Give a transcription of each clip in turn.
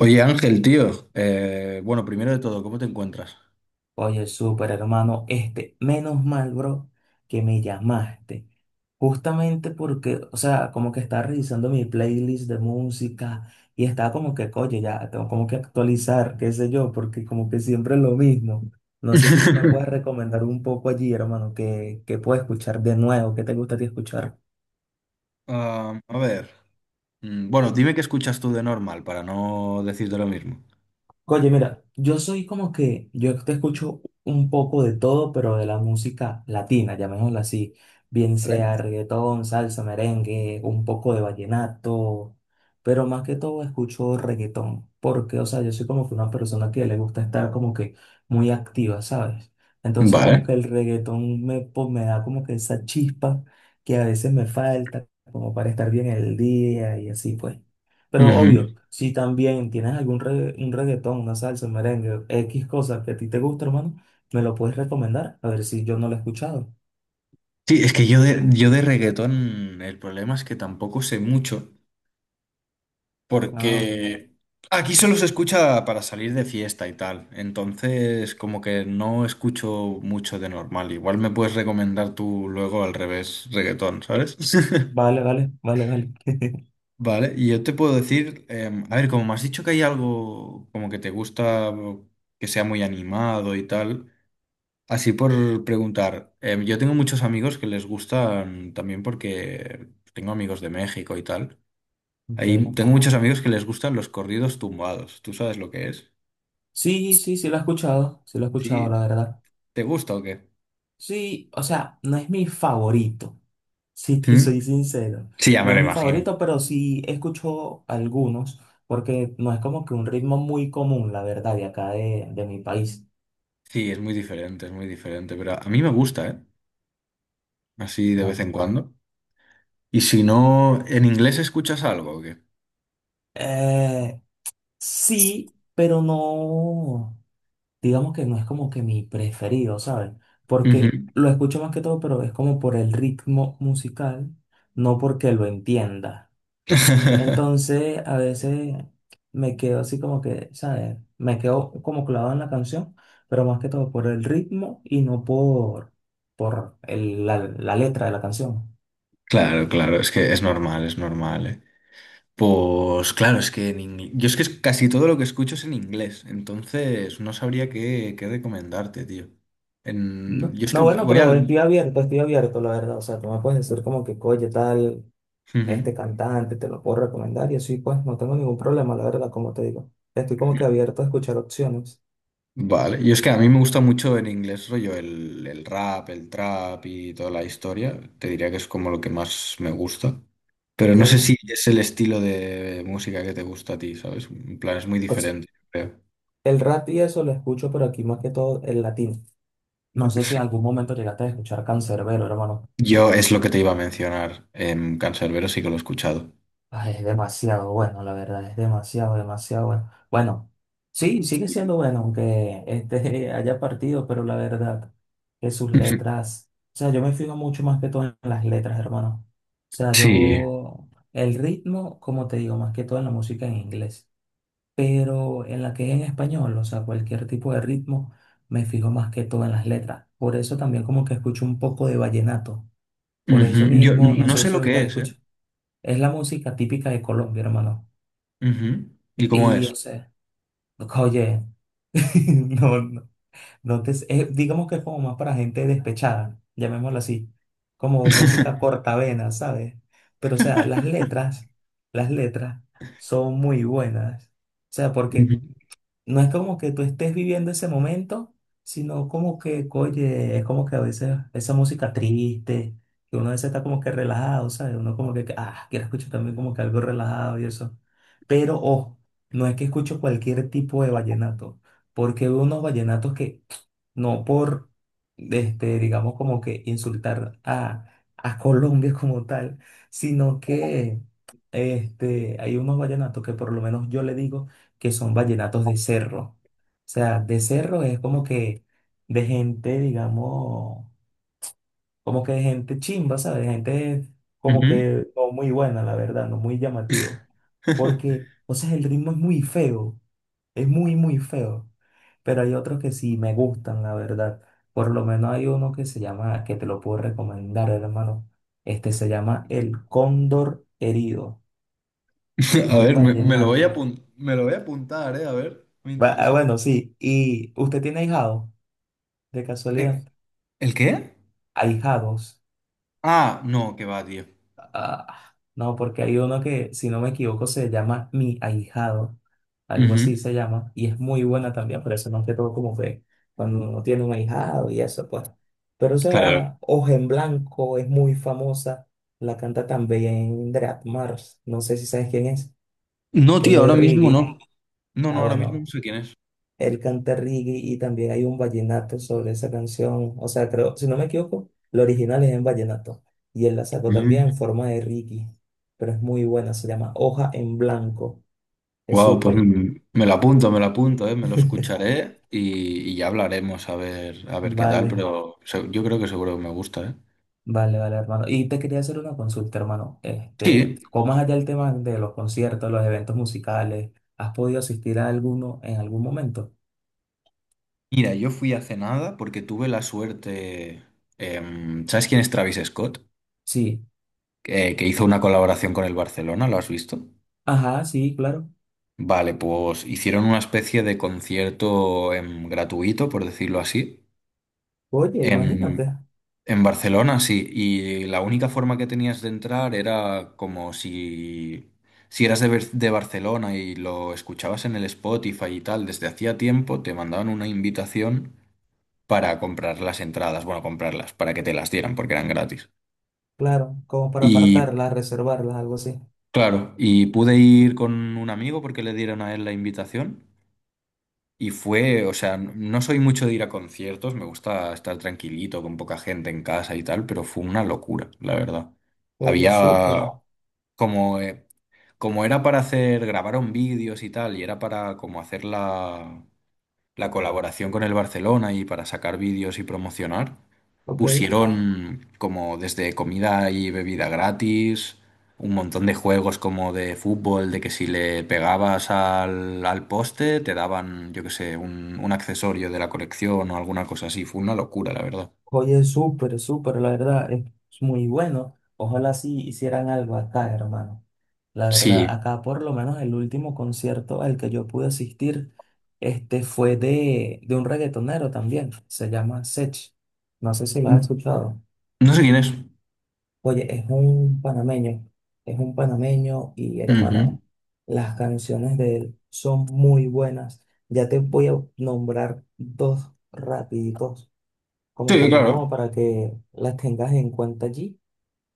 Oye Ángel, tío, bueno, primero de todo, ¿cómo te encuentras? Oye, súper hermano, este, menos mal, bro, que me llamaste. Justamente porque, o sea, como que estaba revisando mi playlist de música y estaba como que, oye, ya tengo como que actualizar, qué sé yo, porque como que siempre es lo mismo. No sé si tú me puedes recomendar un poco allí, hermano, que puedo escuchar de nuevo, qué te gusta a ti escuchar. Ah, a ver, bueno, dime qué escuchas tú de normal para no decirte lo mismo. Oye, mira, yo soy como que, yo te escucho un poco de todo, pero de la música latina, llamémosla así, bien sea Vale. reggaetón, salsa, merengue, un poco de vallenato, pero más que todo escucho reggaetón, porque, o sea, yo soy como que una persona que le gusta estar como que muy activa, ¿sabes? Entonces como Vale. que el reggaetón me, me da como que esa chispa que a veces me falta, como para estar bien el día y así, pues. Pero Ujú. obvio, si también tienes algún un reggaetón, una salsa, un merengue, X cosas que a ti te gusta, hermano, me lo puedes recomendar, a ver si yo no lo he escuchado. Sí, es que yo de reggaetón, el problema es que tampoco sé mucho, Ah, porque aquí solo se escucha para salir de fiesta y tal, entonces como que no escucho mucho de normal, igual me puedes recomendar tú luego al revés reggaetón, ¿sabes? vale, vale, vale, vale. Vale, y yo te puedo decir, a ver, como me has dicho que hay algo como que te gusta o que sea muy animado y tal, así por preguntar, yo tengo muchos amigos que les gustan también porque tengo amigos de México y tal. Ahí Ok. tengo muchos amigos que les gustan los corridos tumbados. ¿Tú sabes lo que es? Sí, sí, sí lo he escuchado, sí lo he escuchado, ¿Sí? la verdad. ¿Te gusta o qué? Sí, o sea, no es mi favorito, si te ¿Mm? soy sincero. Sí, ya me No lo es mi imagino. favorito, pero sí escucho algunos, porque no es como que un ritmo muy común, la verdad, de acá de mi país. Sí, es muy diferente, pero a mí me gusta, ¿eh? Así de vez Vale. en cuando. Y si no, ¿en inglés escuchas algo o qué? Eh, sí, pero no, digamos que no es como que mi preferido, ¿sabes? Porque Ujú. lo escucho más que todo, pero es como por el ritmo musical, no porque lo entienda. Entonces, a veces me quedo así como que, ¿sabes? Me quedo como clavado en la canción, pero más que todo por el ritmo y no por, por la, la letra de la canción. Claro, claro, es que es normal, ¿eh? Pues claro, es que en ingle- yo es que es- casi todo lo que escucho es en inglés, entonces no sabría qué, qué recomendarte, tío. En- No, Yo es que no, bueno, voy pero al... estoy abierto, la verdad. O sea, tú me puedes decir como que, oye, tal. Este Ujú. cantante, te lo puedo recomendar y así pues no tengo ningún problema, la verdad, como te digo. Estoy como que abierto a escuchar opciones, Vale, y es que a mí me gusta mucho en inglés, rollo, el rap, el trap y toda la historia. Te diría que es como lo que más me gusta. Pero ¿ok? no sé si es el estilo de música que te gusta a ti, ¿sabes? En plan, es muy O sea, diferente, creo. el rap y eso lo escucho, pero aquí más que todo el latino. No sé si en algún momento llegaste a escuchar Canserbero, hermano. Yo es lo que te iba a mencionar. En Canserbero sí que lo he escuchado. Ay, es demasiado bueno, la verdad, es demasiado, demasiado bueno. Bueno, sí, sigue siendo bueno, aunque este haya partido, pero la verdad que sus Ujú. letras, o sea, yo me fijo mucho más que todo en las letras, hermano. O sea, Sí. yo, el ritmo, como te digo, más que todo en la música en inglés, pero en la que es en español, o sea, cualquier tipo de ritmo, me fijo más que todo en las letras. Por eso también como que escucho un poco de vallenato. Por eso Ujú. Yo mismo, n- no no sé sé si lo que ustedes es, ¿eh? escuchan. Es la música típica de Colombia, hermano. Ujú. ¿Y cómo Y, es? o sea, oye, no, no, no te, es- digamos que es como más para gente despechada, llamémoslo así, como música cortavena, ¿sabes? Pero, o sea, las letras son muy buenas. O sea, Ujú. porque no es como que tú estés viviendo ese momento, sino como que, oye, es como que a veces esa música triste, que uno a veces está como que relajado, ¿sabes? Uno como que, ah, quiero escuchar también como que algo relajado y eso. Pero, ojo, no es que escucho cualquier tipo de vallenato, porque hay unos vallenatos que, no por, este, digamos como que insultar a Colombia como tal, sino que, este, hay unos vallenatos que por lo menos yo le digo, que son vallenatos de cerro. O sea, de cerro es como que de gente, digamos, como que de gente chimba, ¿sabes? De gente como Ujú. que no muy buena, la verdad, no muy llamativo. Porque, o sea, el ritmo es muy feo, es muy feo. Pero hay otros que sí me gustan, la verdad. Por lo menos hay uno que se llama, que te lo puedo recomendar, hermano. Este se llama El Cóndor Herido. Es A un ver, me lo voy a vallenato. apun- me lo voy a apuntar, ¿eh? A ver, me Ah, interesa. bueno, sí. ¿Y usted tiene ahijado? De casualidad, Eh, ¿El qué? ahijados. Ah, no, que va, tío. Ah, no, porque hay uno que, si no me equivoco, se llama Mi Ahijado. Algo Ujú. así se llama. Y es muy buena también, pero eso más que todo como que cuando uno tiene un ahijado y eso, pues. Pero, o Claro. sea, Hoja en Blanco es muy famosa. La canta también Drat Mars. No sé si sabes quién es, No, que es tío, de ahora mismo Ricky. no. No, no, Ah, ahora mismo no bueno, sé quién él canta reggae y también hay un vallenato sobre esa canción. O sea, creo, si no me equivoco, lo original es en vallenato y él la sacó también en es. forma de reggae, pero es muy buena, se llama Hoja en Blanco, es Wow, pues súper. Me lo apunto, ¿eh? Me lo escucharé y ya hablaremos a ver qué tal, Vale, pero se- yo creo que seguro que me gusta, ¿eh? vale, vale, hermano. Y te quería hacer una consulta, hermano. Este, Sí, ¿cómo es allá el tema de los conciertos, los eventos musicales? ¿Has podido asistir a alguno en algún momento? mira, yo fui hace nada porque tuve la suerte. ¿Sabes quién es Travis Scott? Sí. Que hizo una colaboración con el Barcelona, ¿lo has visto? Ajá, sí, claro. Vale, pues hicieron una especie de concierto gratuito, por decirlo así, Oye, em, imagínate, en Barcelona, sí, y la única forma que tenías de entrar era como si, si eras de, Ber- de Barcelona y lo escuchabas en el Spotify y tal, desde hacía tiempo te mandaban una invitación para comprar las entradas, bueno, comprarlas, para que te las dieran porque eran gratis. claro, como para Y apartarlas reservarlas algo así. claro, y pude ir con un amigo porque le dieron a él la invitación y fue, o sea, n- no soy mucho de ir a conciertos, me gusta estar tranquilito con poca gente en casa y tal, pero fue una locura, la verdad. Oye, Había, súper, como, como era para hacer, grabaron vídeos y tal, y era para como hacer la, la colaboración con el Barcelona y para sacar vídeos y promocionar, ok. pusieron como desde comida y bebida gratis, un montón de juegos como de fútbol, de que si le pegabas al, al poste te daban, yo qué sé, un accesorio de la colección o alguna cosa así. Fue una locura, la verdad. Oye, súper, súper, la verdad, es muy bueno. Ojalá sí hicieran algo acá, hermano. La verdad, Sí. acá por lo menos el último concierto al que yo pude asistir, este fue de un reggaetonero también, se llama Sech. No sé si lo has escuchado. No sé quién es. Oye, es un panameño y Ujú. hermano, las canciones de él son muy buenas. Ya te voy a nombrar dos rapiditos como Sí, también claro. como para que las tengas en cuenta allí.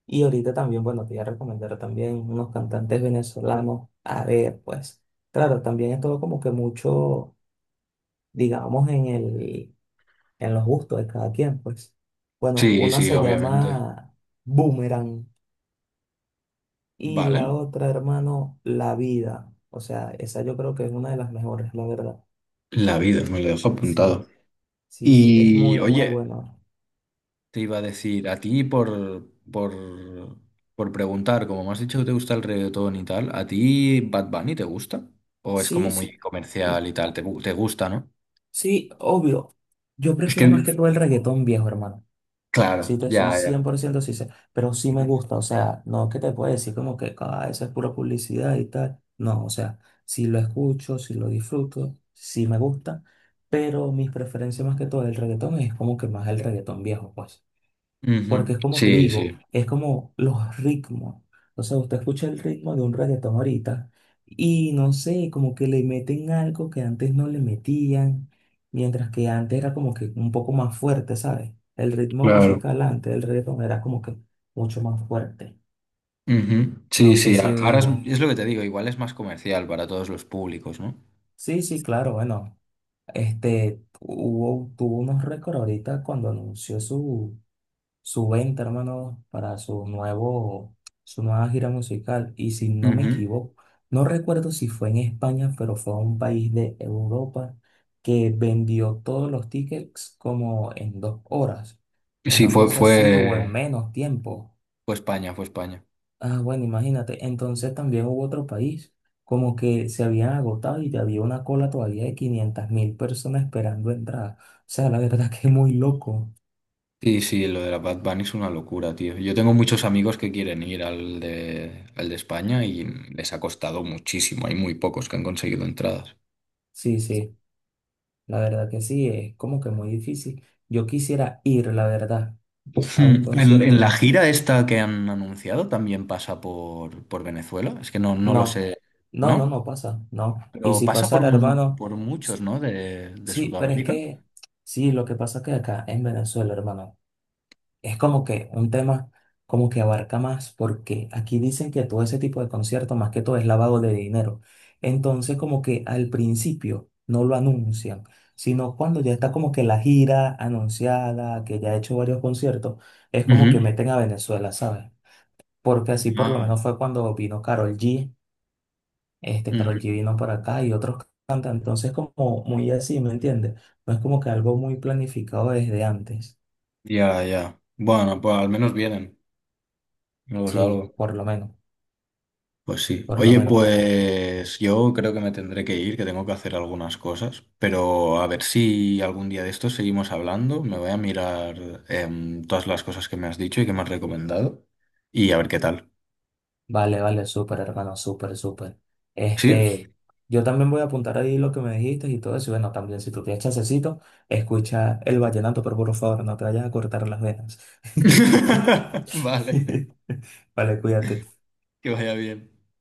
Y ahorita también, bueno, te voy a recomendar también unos cantantes venezolanos. A ver, pues, claro, también es todo como que mucho, digamos, en los gustos de cada quien, pues. Bueno, Sí, una sí, se obviamente. llama Boomerang y la Vale. otra, hermano, La Vida. O sea, esa yo creo que es una de las mejores, la verdad. La vida, me lo dejo Sí, apuntado. Sí, es Y muy, muy oye, buena. te iba a decir, a ti por preguntar, como me has dicho que te gusta el reggaetón y tal, ¿a ti Bad Bunny te gusta? ¿O es como Sí, muy sí. comercial y tal? ¿Te, gu- te gusta, no? Sí, obvio. Yo Es prefiero más que, que todo el reggaetón viejo, hermano. Sí, claro, te soy ya, ya. 100% sincero, pero sí me Ujú. gusta. O sea, no que te pueda decir como que ah, eso es pura publicidad y tal. No, o sea, sí lo escucho, sí lo disfruto, sí me gusta, pero mis preferencias más que todo el reggaetón es como que más el reggaetón viejo, pues. Porque Ujú. es como te Sí, digo, sí, es como los ritmos. O sea, usted escucha el ritmo de un reggaetón ahorita y no sé, como que le meten algo que antes no le metían, mientras que antes era como que un poco más fuerte, ¿sabes? El ritmo claro. musical antes del reggaetón era como que mucho más fuerte. Ujú. No Sí, sé sí, a- si... ahora es lo que te digo, igual es más comercial para todos los públicos, ¿no? Sí, sí, claro, bueno. Este, hubo, tuvo unos récords ahorita cuando anunció su venta, hermano, su nueva gira musical. Y si no me Ujú. equivoco, no recuerdo si fue en España, pero fue a un país de Europa que vendió todos los tickets como en 2 horas. Sí, Una fue, cosa así o en fue, menos tiempo. fue España, fue España. Ah, bueno, imagínate. Entonces también hubo otro país, como que se habían agotado y había una cola todavía de 500.000 personas esperando entrar. O sea, la verdad que es muy loco. Sí, sí, lo de la Bad Bunny es una locura, tío. Yo tengo muchos amigos que quieren ir al de España y les ha costado muchísimo. Hay muy pocos que han conseguido entradas. Sí, sí. La verdad que sí, es como que muy difícil. Yo quisiera ir, la verdad, a un Hmm. En concierto la de... gira esta que han anunciado también pasa por Venezuela. Es que no, no lo No, sé, no, no, no ¿no? pasa, no. Y Pero si pasa por, pasara, mu- hermano, por s- muchos, ¿no? De sí, pero es Sudamérica. que, sí, lo que pasa es que acá en Venezuela, hermano. Es como que un tema como que abarca más, porque aquí dicen que todo ese tipo de conciertos, más que todo, es lavado de dinero. Entonces, como que al principio no lo anuncian, sino cuando ya está como que la gira anunciada, que ya ha hecho varios conciertos, es como que Ujú. meten a Venezuela, ¿sabes? Porque así por lo Ah, menos fue cuando vino Karol G, este Karol ujú. G vino para acá y otros cantantes, entonces como muy así, ¿me entiendes? No es como que algo muy planificado desde antes, Ya, ya. Bueno, pues al menos vienen. Luego es sí, algo. por lo menos, Pues sí. por lo Oye, menos. pues yo creo que me tendré que ir, que tengo que hacer algunas cosas, pero a ver si algún día de esto seguimos hablando. Me voy a mirar todas las cosas que me has dicho y que me has recomendado y a ver qué tal. Vale, vale, súper, hermano, súper, súper. ¿Sí? Este, yo también voy a apuntar ahí lo que me dijiste y todo eso. Y bueno, también si tú tienes chancecito, escucha el vallenato, pero por favor, no te vayas a cortar las venas. Vale, Vale, cuídate. que vaya bien.